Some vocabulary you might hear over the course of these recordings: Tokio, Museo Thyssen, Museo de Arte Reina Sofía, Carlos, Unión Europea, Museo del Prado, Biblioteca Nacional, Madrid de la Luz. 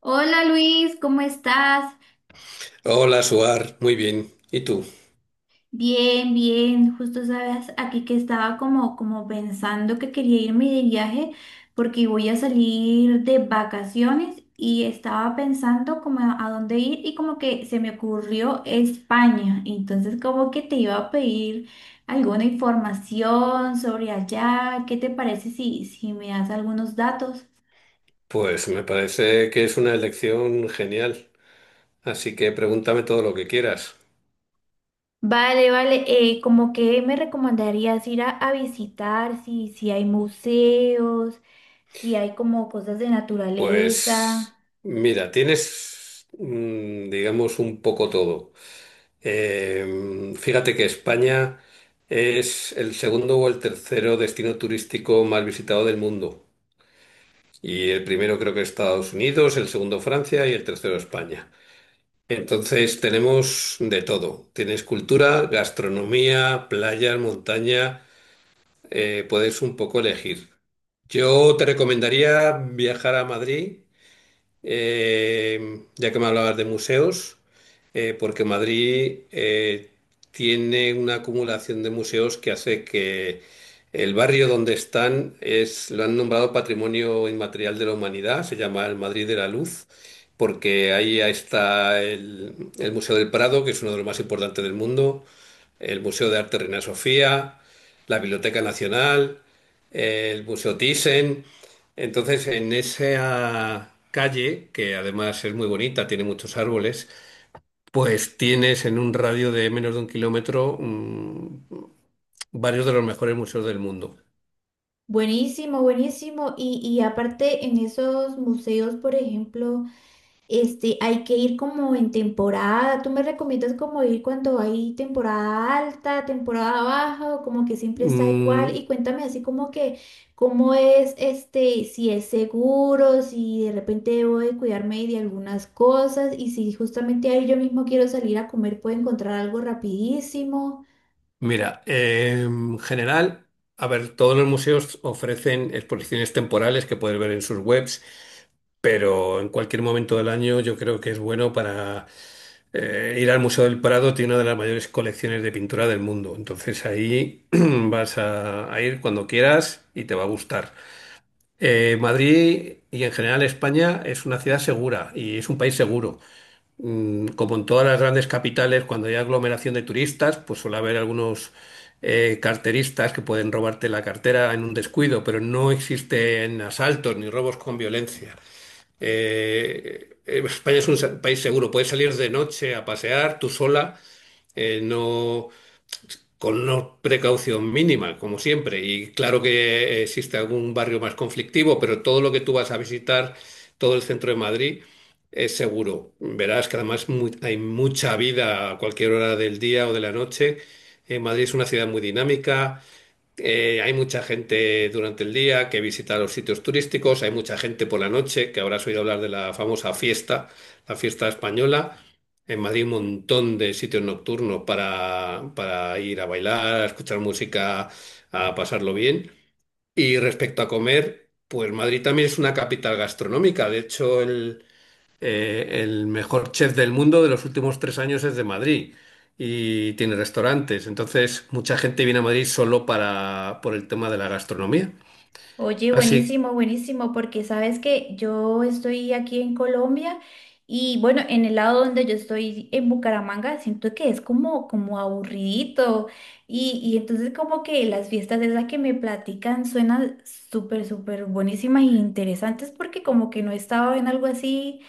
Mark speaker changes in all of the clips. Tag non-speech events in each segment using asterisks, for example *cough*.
Speaker 1: Hola Luis, ¿cómo estás?
Speaker 2: Hola, Suar, muy bien. ¿Y tú?
Speaker 1: Bien, bien. Justo sabes, aquí que estaba como pensando que quería irme de viaje porque voy a salir de vacaciones y estaba pensando como a dónde ir y como que se me ocurrió España. Entonces como que te iba a pedir alguna información sobre allá. ¿Qué te parece si me das algunos datos?
Speaker 2: Pues me parece que es una elección genial, así que pregúntame todo lo que quieras.
Speaker 1: Vale, vale. ¿Cómo que me recomendarías ir a visitar? Si hay museos, si hay como cosas de naturaleza.
Speaker 2: Pues mira, tienes, digamos, un poco todo. Fíjate que España es el segundo o el tercero destino turístico más visitado del mundo. Y el primero creo que es Estados Unidos, el segundo Francia y el tercero España. Entonces tenemos de todo. Tienes cultura, gastronomía, playas, montaña, puedes un poco elegir. Yo te recomendaría viajar a Madrid ya que me hablabas de museos, porque Madrid tiene una acumulación de museos que hace que el barrio donde están es, lo han nombrado Patrimonio Inmaterial de la Humanidad, se llama el Madrid de la Luz, porque ahí está el Museo del Prado, que es uno de los más importantes del mundo, el Museo de Arte Reina Sofía, la Biblioteca Nacional, el Museo Thyssen. Entonces, en esa calle, que además es muy bonita, tiene muchos árboles, pues tienes en un radio de menos de un kilómetro varios de los mejores museos del mundo.
Speaker 1: Buenísimo, buenísimo. Y aparte en esos museos, por ejemplo, hay que ir como en temporada. ¿Tú me recomiendas como ir cuando hay temporada alta, temporada baja o como que siempre está igual?
Speaker 2: Mm,
Speaker 1: Y cuéntame así como que cómo es si es seguro, si de repente debo de cuidarme de algunas cosas y si justamente ahí yo mismo quiero salir a comer, puedo encontrar algo rapidísimo.
Speaker 2: mira, en general, a ver, todos los museos ofrecen exposiciones temporales que puedes ver en sus webs. Pero en cualquier momento del año yo creo que es bueno para ir al Museo del Prado, tiene una de las mayores colecciones de pintura del mundo, entonces ahí *clears throat* vas a ir cuando quieras y te va a gustar. Madrid y en general España es una ciudad segura y es un país seguro. Como en todas las grandes capitales, cuando hay aglomeración de turistas, pues suele haber algunos carteristas que pueden robarte la cartera en un descuido, pero no existen asaltos ni robos con violencia. España es un país seguro, puedes salir de noche a pasear tú sola, no con una precaución mínima, como siempre. Y claro que existe algún barrio más conflictivo, pero todo lo que tú vas a visitar, todo el centro de Madrid, es seguro. Verás que además hay mucha vida a cualquier hora del día o de la noche. Madrid es una ciudad muy dinámica. Hay mucha gente durante el día que visita los sitios turísticos, hay mucha gente por la noche, que habrás oído hablar de la famosa fiesta, la fiesta española. En Madrid un montón de sitios nocturnos para ir a bailar, a escuchar música, a pasarlo bien. Y respecto a comer, pues Madrid también es una capital gastronómica. De hecho, el mejor chef del mundo de los últimos 3 años es de Madrid y tiene restaurantes. Entonces, mucha gente viene a Madrid solo por el tema de la gastronomía.
Speaker 1: Oye,
Speaker 2: Así,
Speaker 1: buenísimo, buenísimo, porque sabes que yo estoy aquí en Colombia y bueno, en el lado donde yo estoy en Bucaramanga, siento que es como, como aburridito y entonces como que las fiestas esas que me platican suenan súper, súper buenísimas e interesantes porque como que no estaba en algo así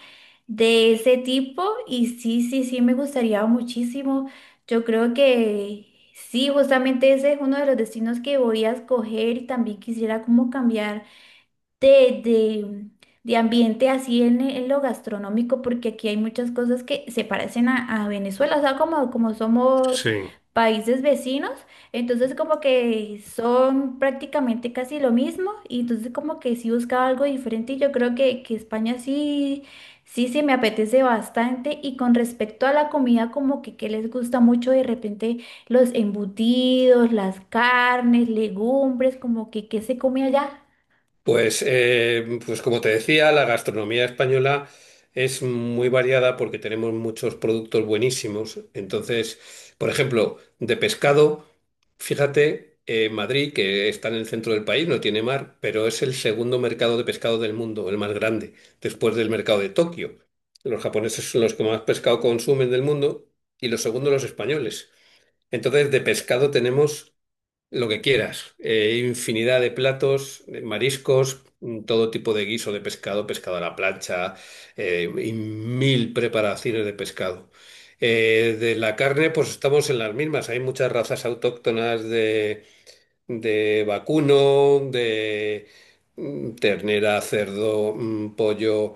Speaker 1: de ese tipo y sí, sí, sí, me gustaría muchísimo. Yo creo que sí, justamente ese es uno de los destinos que voy a escoger y también quisiera como cambiar de, de, de ambiente así en lo gastronómico, porque aquí hay muchas cosas que se parecen a Venezuela, o sea, como somos
Speaker 2: sí.
Speaker 1: países vecinos, entonces como que son prácticamente casi lo mismo, y entonces como que sí buscaba algo diferente, y yo creo que España sí, sí, sí me apetece bastante, y con respecto a la comida, como que les gusta mucho de repente los embutidos, las carnes, legumbres, como que qué se come allá.
Speaker 2: Pues, pues como te decía, la gastronomía española es muy variada porque tenemos muchos productos buenísimos. Entonces, por ejemplo, de pescado, fíjate, Madrid, que está en el centro del país, no tiene mar, pero es el segundo mercado de pescado del mundo, el más grande, después del mercado de Tokio. Los japoneses son los que más pescado consumen del mundo y los segundos los españoles. Entonces, de pescado tenemos lo que quieras. Infinidad de platos, de mariscos, todo tipo de guiso de pescado, pescado a la plancha, y mil preparaciones de pescado. De la carne, pues estamos en las mismas. Hay muchas razas autóctonas de vacuno, ternera, cerdo, pollo.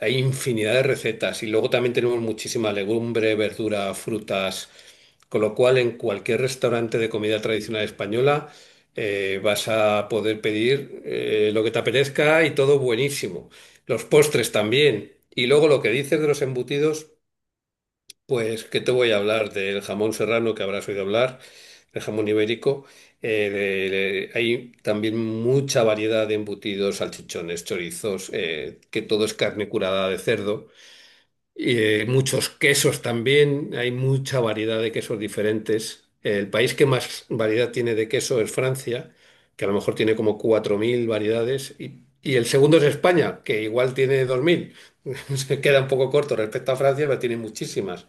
Speaker 2: Hay infinidad de recetas y luego también tenemos muchísima legumbre, verdura, frutas, con lo cual en cualquier restaurante de comida tradicional española vas a poder pedir lo que te apetezca y todo buenísimo. Los postres también. Y luego lo que dices de los embutidos. Pues, ¿qué te voy a hablar? Del jamón serrano que habrás oído hablar, el jamón ibérico. Hay también mucha variedad de embutidos, salchichones, chorizos, que todo es carne curada de cerdo. Y, muchos quesos también, hay mucha variedad de quesos diferentes. El país que más variedad tiene de queso es Francia, que a lo mejor tiene como 4.000 variedades. Y el segundo es España, que igual tiene 2.000. *laughs* Se queda un poco corto respecto a Francia, pero tiene muchísimas.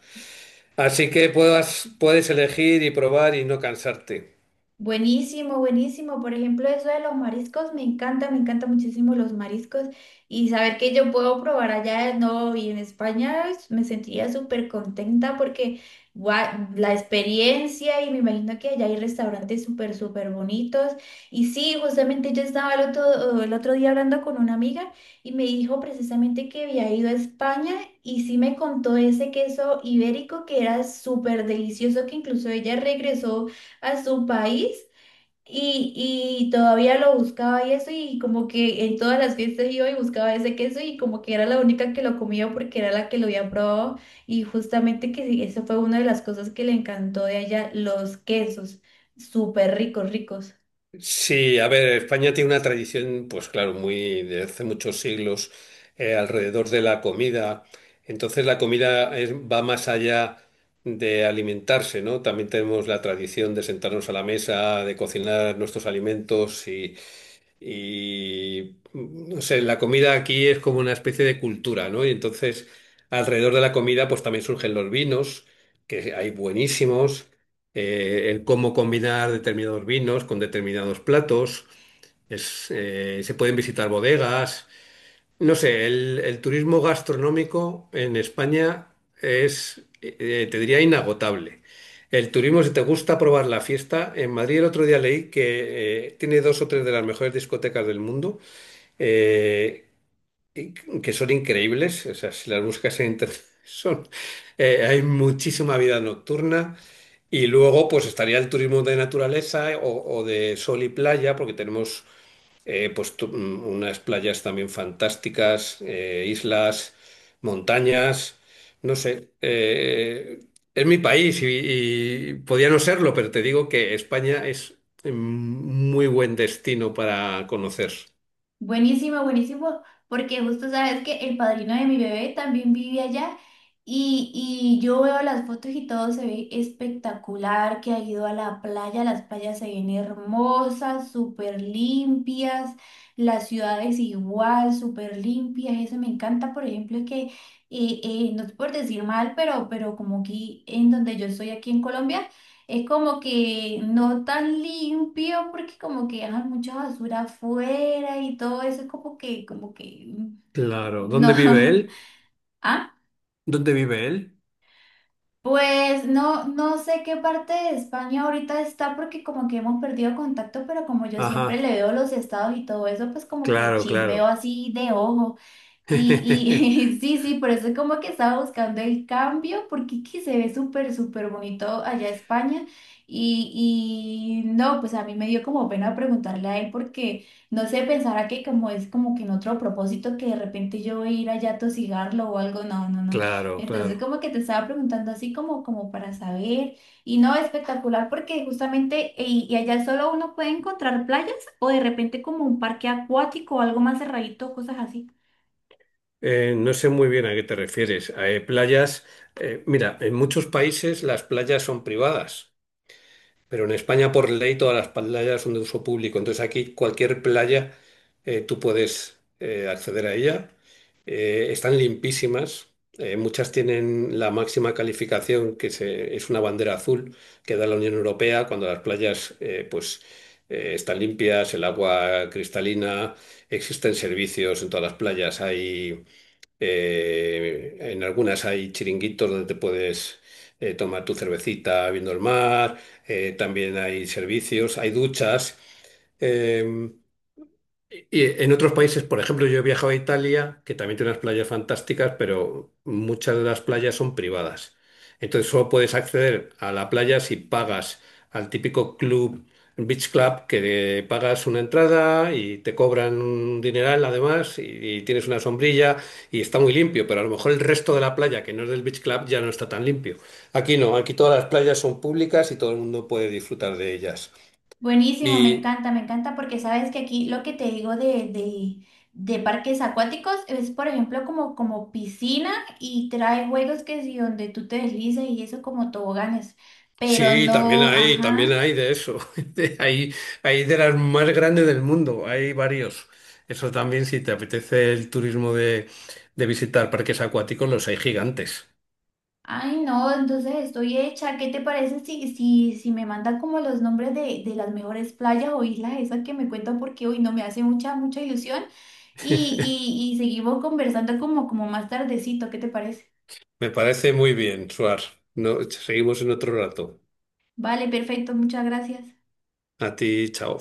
Speaker 2: Así que puedes elegir y probar y no cansarte.
Speaker 1: Buenísimo, buenísimo. Por ejemplo, eso de los mariscos, me encanta muchísimo los mariscos y saber que yo puedo probar allá, no, y en España pues, me sentiría súper contenta porque gua- la experiencia y me imagino que allá hay restaurantes súper, súper bonitos. Y sí, justamente yo estaba el otro día hablando con una amiga y me dijo precisamente que había ido a España y sí me contó ese queso ibérico que era súper delicioso, que incluso ella regresó a su país y, y todavía lo buscaba y eso y como que en todas las fiestas iba y buscaba ese queso y como que era la única que lo comía porque era la que lo había probado y justamente que sí, eso fue una de las cosas que le encantó de allá, los quesos, súper ricos, ricos.
Speaker 2: Sí, a ver, España tiene una tradición, pues claro, muy de hace muchos siglos alrededor de la comida. Entonces la comida va más allá de alimentarse, ¿no? También tenemos la tradición de sentarnos a la mesa, de cocinar nuestros alimentos y no sé, la comida aquí es como una especie de cultura, ¿no? Y entonces alrededor de la comida, pues también surgen los vinos, que hay buenísimos el cómo combinar determinados vinos con determinados platos. Se pueden visitar bodegas. No sé, el turismo gastronómico en España es, te diría, inagotable. El turismo, si te gusta probar la fiesta, en Madrid el otro día leí que tiene dos o tres de las mejores discotecas del mundo. Eh, que son increíbles. O sea, si las buscas en internet, *laughs* son, hay muchísima vida nocturna. Y luego, pues estaría el turismo de naturaleza o de sol y playa, porque tenemos pues, unas playas también fantásticas, islas, montañas, no sé. Es mi país y podía no serlo, pero te digo que España es muy buen destino para conocer.
Speaker 1: Buenísimo, buenísimo, porque justo sabes que el padrino de mi bebé también vive allá y yo veo las fotos y todo se ve espectacular, que ha ido a la playa, las playas se ven hermosas, súper limpias, las ciudades igual, súper limpias, eso me encanta, por ejemplo, que no es por decir mal, pero como aquí en donde yo estoy, aquí en Colombia, es como que no tan limpio porque como que hay mucha basura afuera y todo eso es como que, mm,
Speaker 2: Claro.
Speaker 1: no.
Speaker 2: ¿Dónde vive
Speaker 1: *laughs*
Speaker 2: él?
Speaker 1: ¿Ah?
Speaker 2: ¿Dónde vive él?
Speaker 1: Pues no, no sé qué parte de España ahorita está porque como que hemos perdido contacto, pero como yo siempre
Speaker 2: Ajá.
Speaker 1: le veo los estados y todo eso, pues como que
Speaker 2: Claro,
Speaker 1: chismeo
Speaker 2: claro,
Speaker 1: así de ojo. Y,
Speaker 2: *laughs*
Speaker 1: y *laughs* sí, sí, por eso es como que estaba buscando el cambio, porque es que se ve súper, súper bonito allá España. Y no, pues a mí me dio como pena preguntarle a él porque no sé, pensara que como es como que en otro propósito que de repente yo voy a ir allá a tosigarlo o algo, no, no, no.
Speaker 2: claro,
Speaker 1: Entonces,
Speaker 2: claro.
Speaker 1: como que te estaba preguntando así como, como para saber, y no, espectacular, porque justamente y allá solo uno puede encontrar playas o de repente como un parque acuático o algo más cerradito, cosas así.
Speaker 2: No sé muy bien a qué te refieres. A playas, mira, en muchos países las playas son privadas. Pero en España, por ley, todas las playas son de uso público. Entonces aquí cualquier playa tú puedes acceder a ella. Están limpísimas. Muchas tienen la máxima calificación, que es una bandera azul que da la Unión Europea cuando las playas pues, están limpias, el agua cristalina, existen servicios en todas las playas. Hay en algunas hay chiringuitos donde te puedes tomar tu cervecita viendo el mar. También hay servicios, hay duchas. Em, y en otros países, por ejemplo, yo he viajado a Italia, que también tiene unas playas fantásticas, pero muchas de las playas son privadas. Entonces solo puedes acceder a la playa si pagas al típico club, beach club, que pagas una entrada y te cobran un dineral además, y tienes una sombrilla y está muy limpio, pero a lo mejor el resto de la playa, que no es del beach club, ya no está tan limpio. Aquí no, aquí todas las playas son públicas y todo el mundo puede disfrutar de ellas.
Speaker 1: Buenísimo,
Speaker 2: Y
Speaker 1: me encanta, porque sabes que aquí lo que te digo de parques acuáticos es, por ejemplo, como piscina y trae juegos que si donde tú te deslizas y eso como toboganes, pero
Speaker 2: sí,
Speaker 1: no,
Speaker 2: también
Speaker 1: ajá.
Speaker 2: hay de eso. *laughs* Hay, hay de las más grandes del mundo, hay varios. Eso también, si te apetece el turismo de visitar parques acuáticos, los hay gigantes.
Speaker 1: Ay, no, entonces estoy hecha. ¿Qué te parece si me manda como los nombres de las mejores playas o islas esas que me cuentan porque hoy no me hace mucha, mucha ilusión?
Speaker 2: *laughs*
Speaker 1: Y seguimos conversando como más tardecito, ¿qué te parece?
Speaker 2: Me parece muy bien, Suar. No, seguimos en otro rato.
Speaker 1: Vale, perfecto, muchas gracias.
Speaker 2: A ti, chao.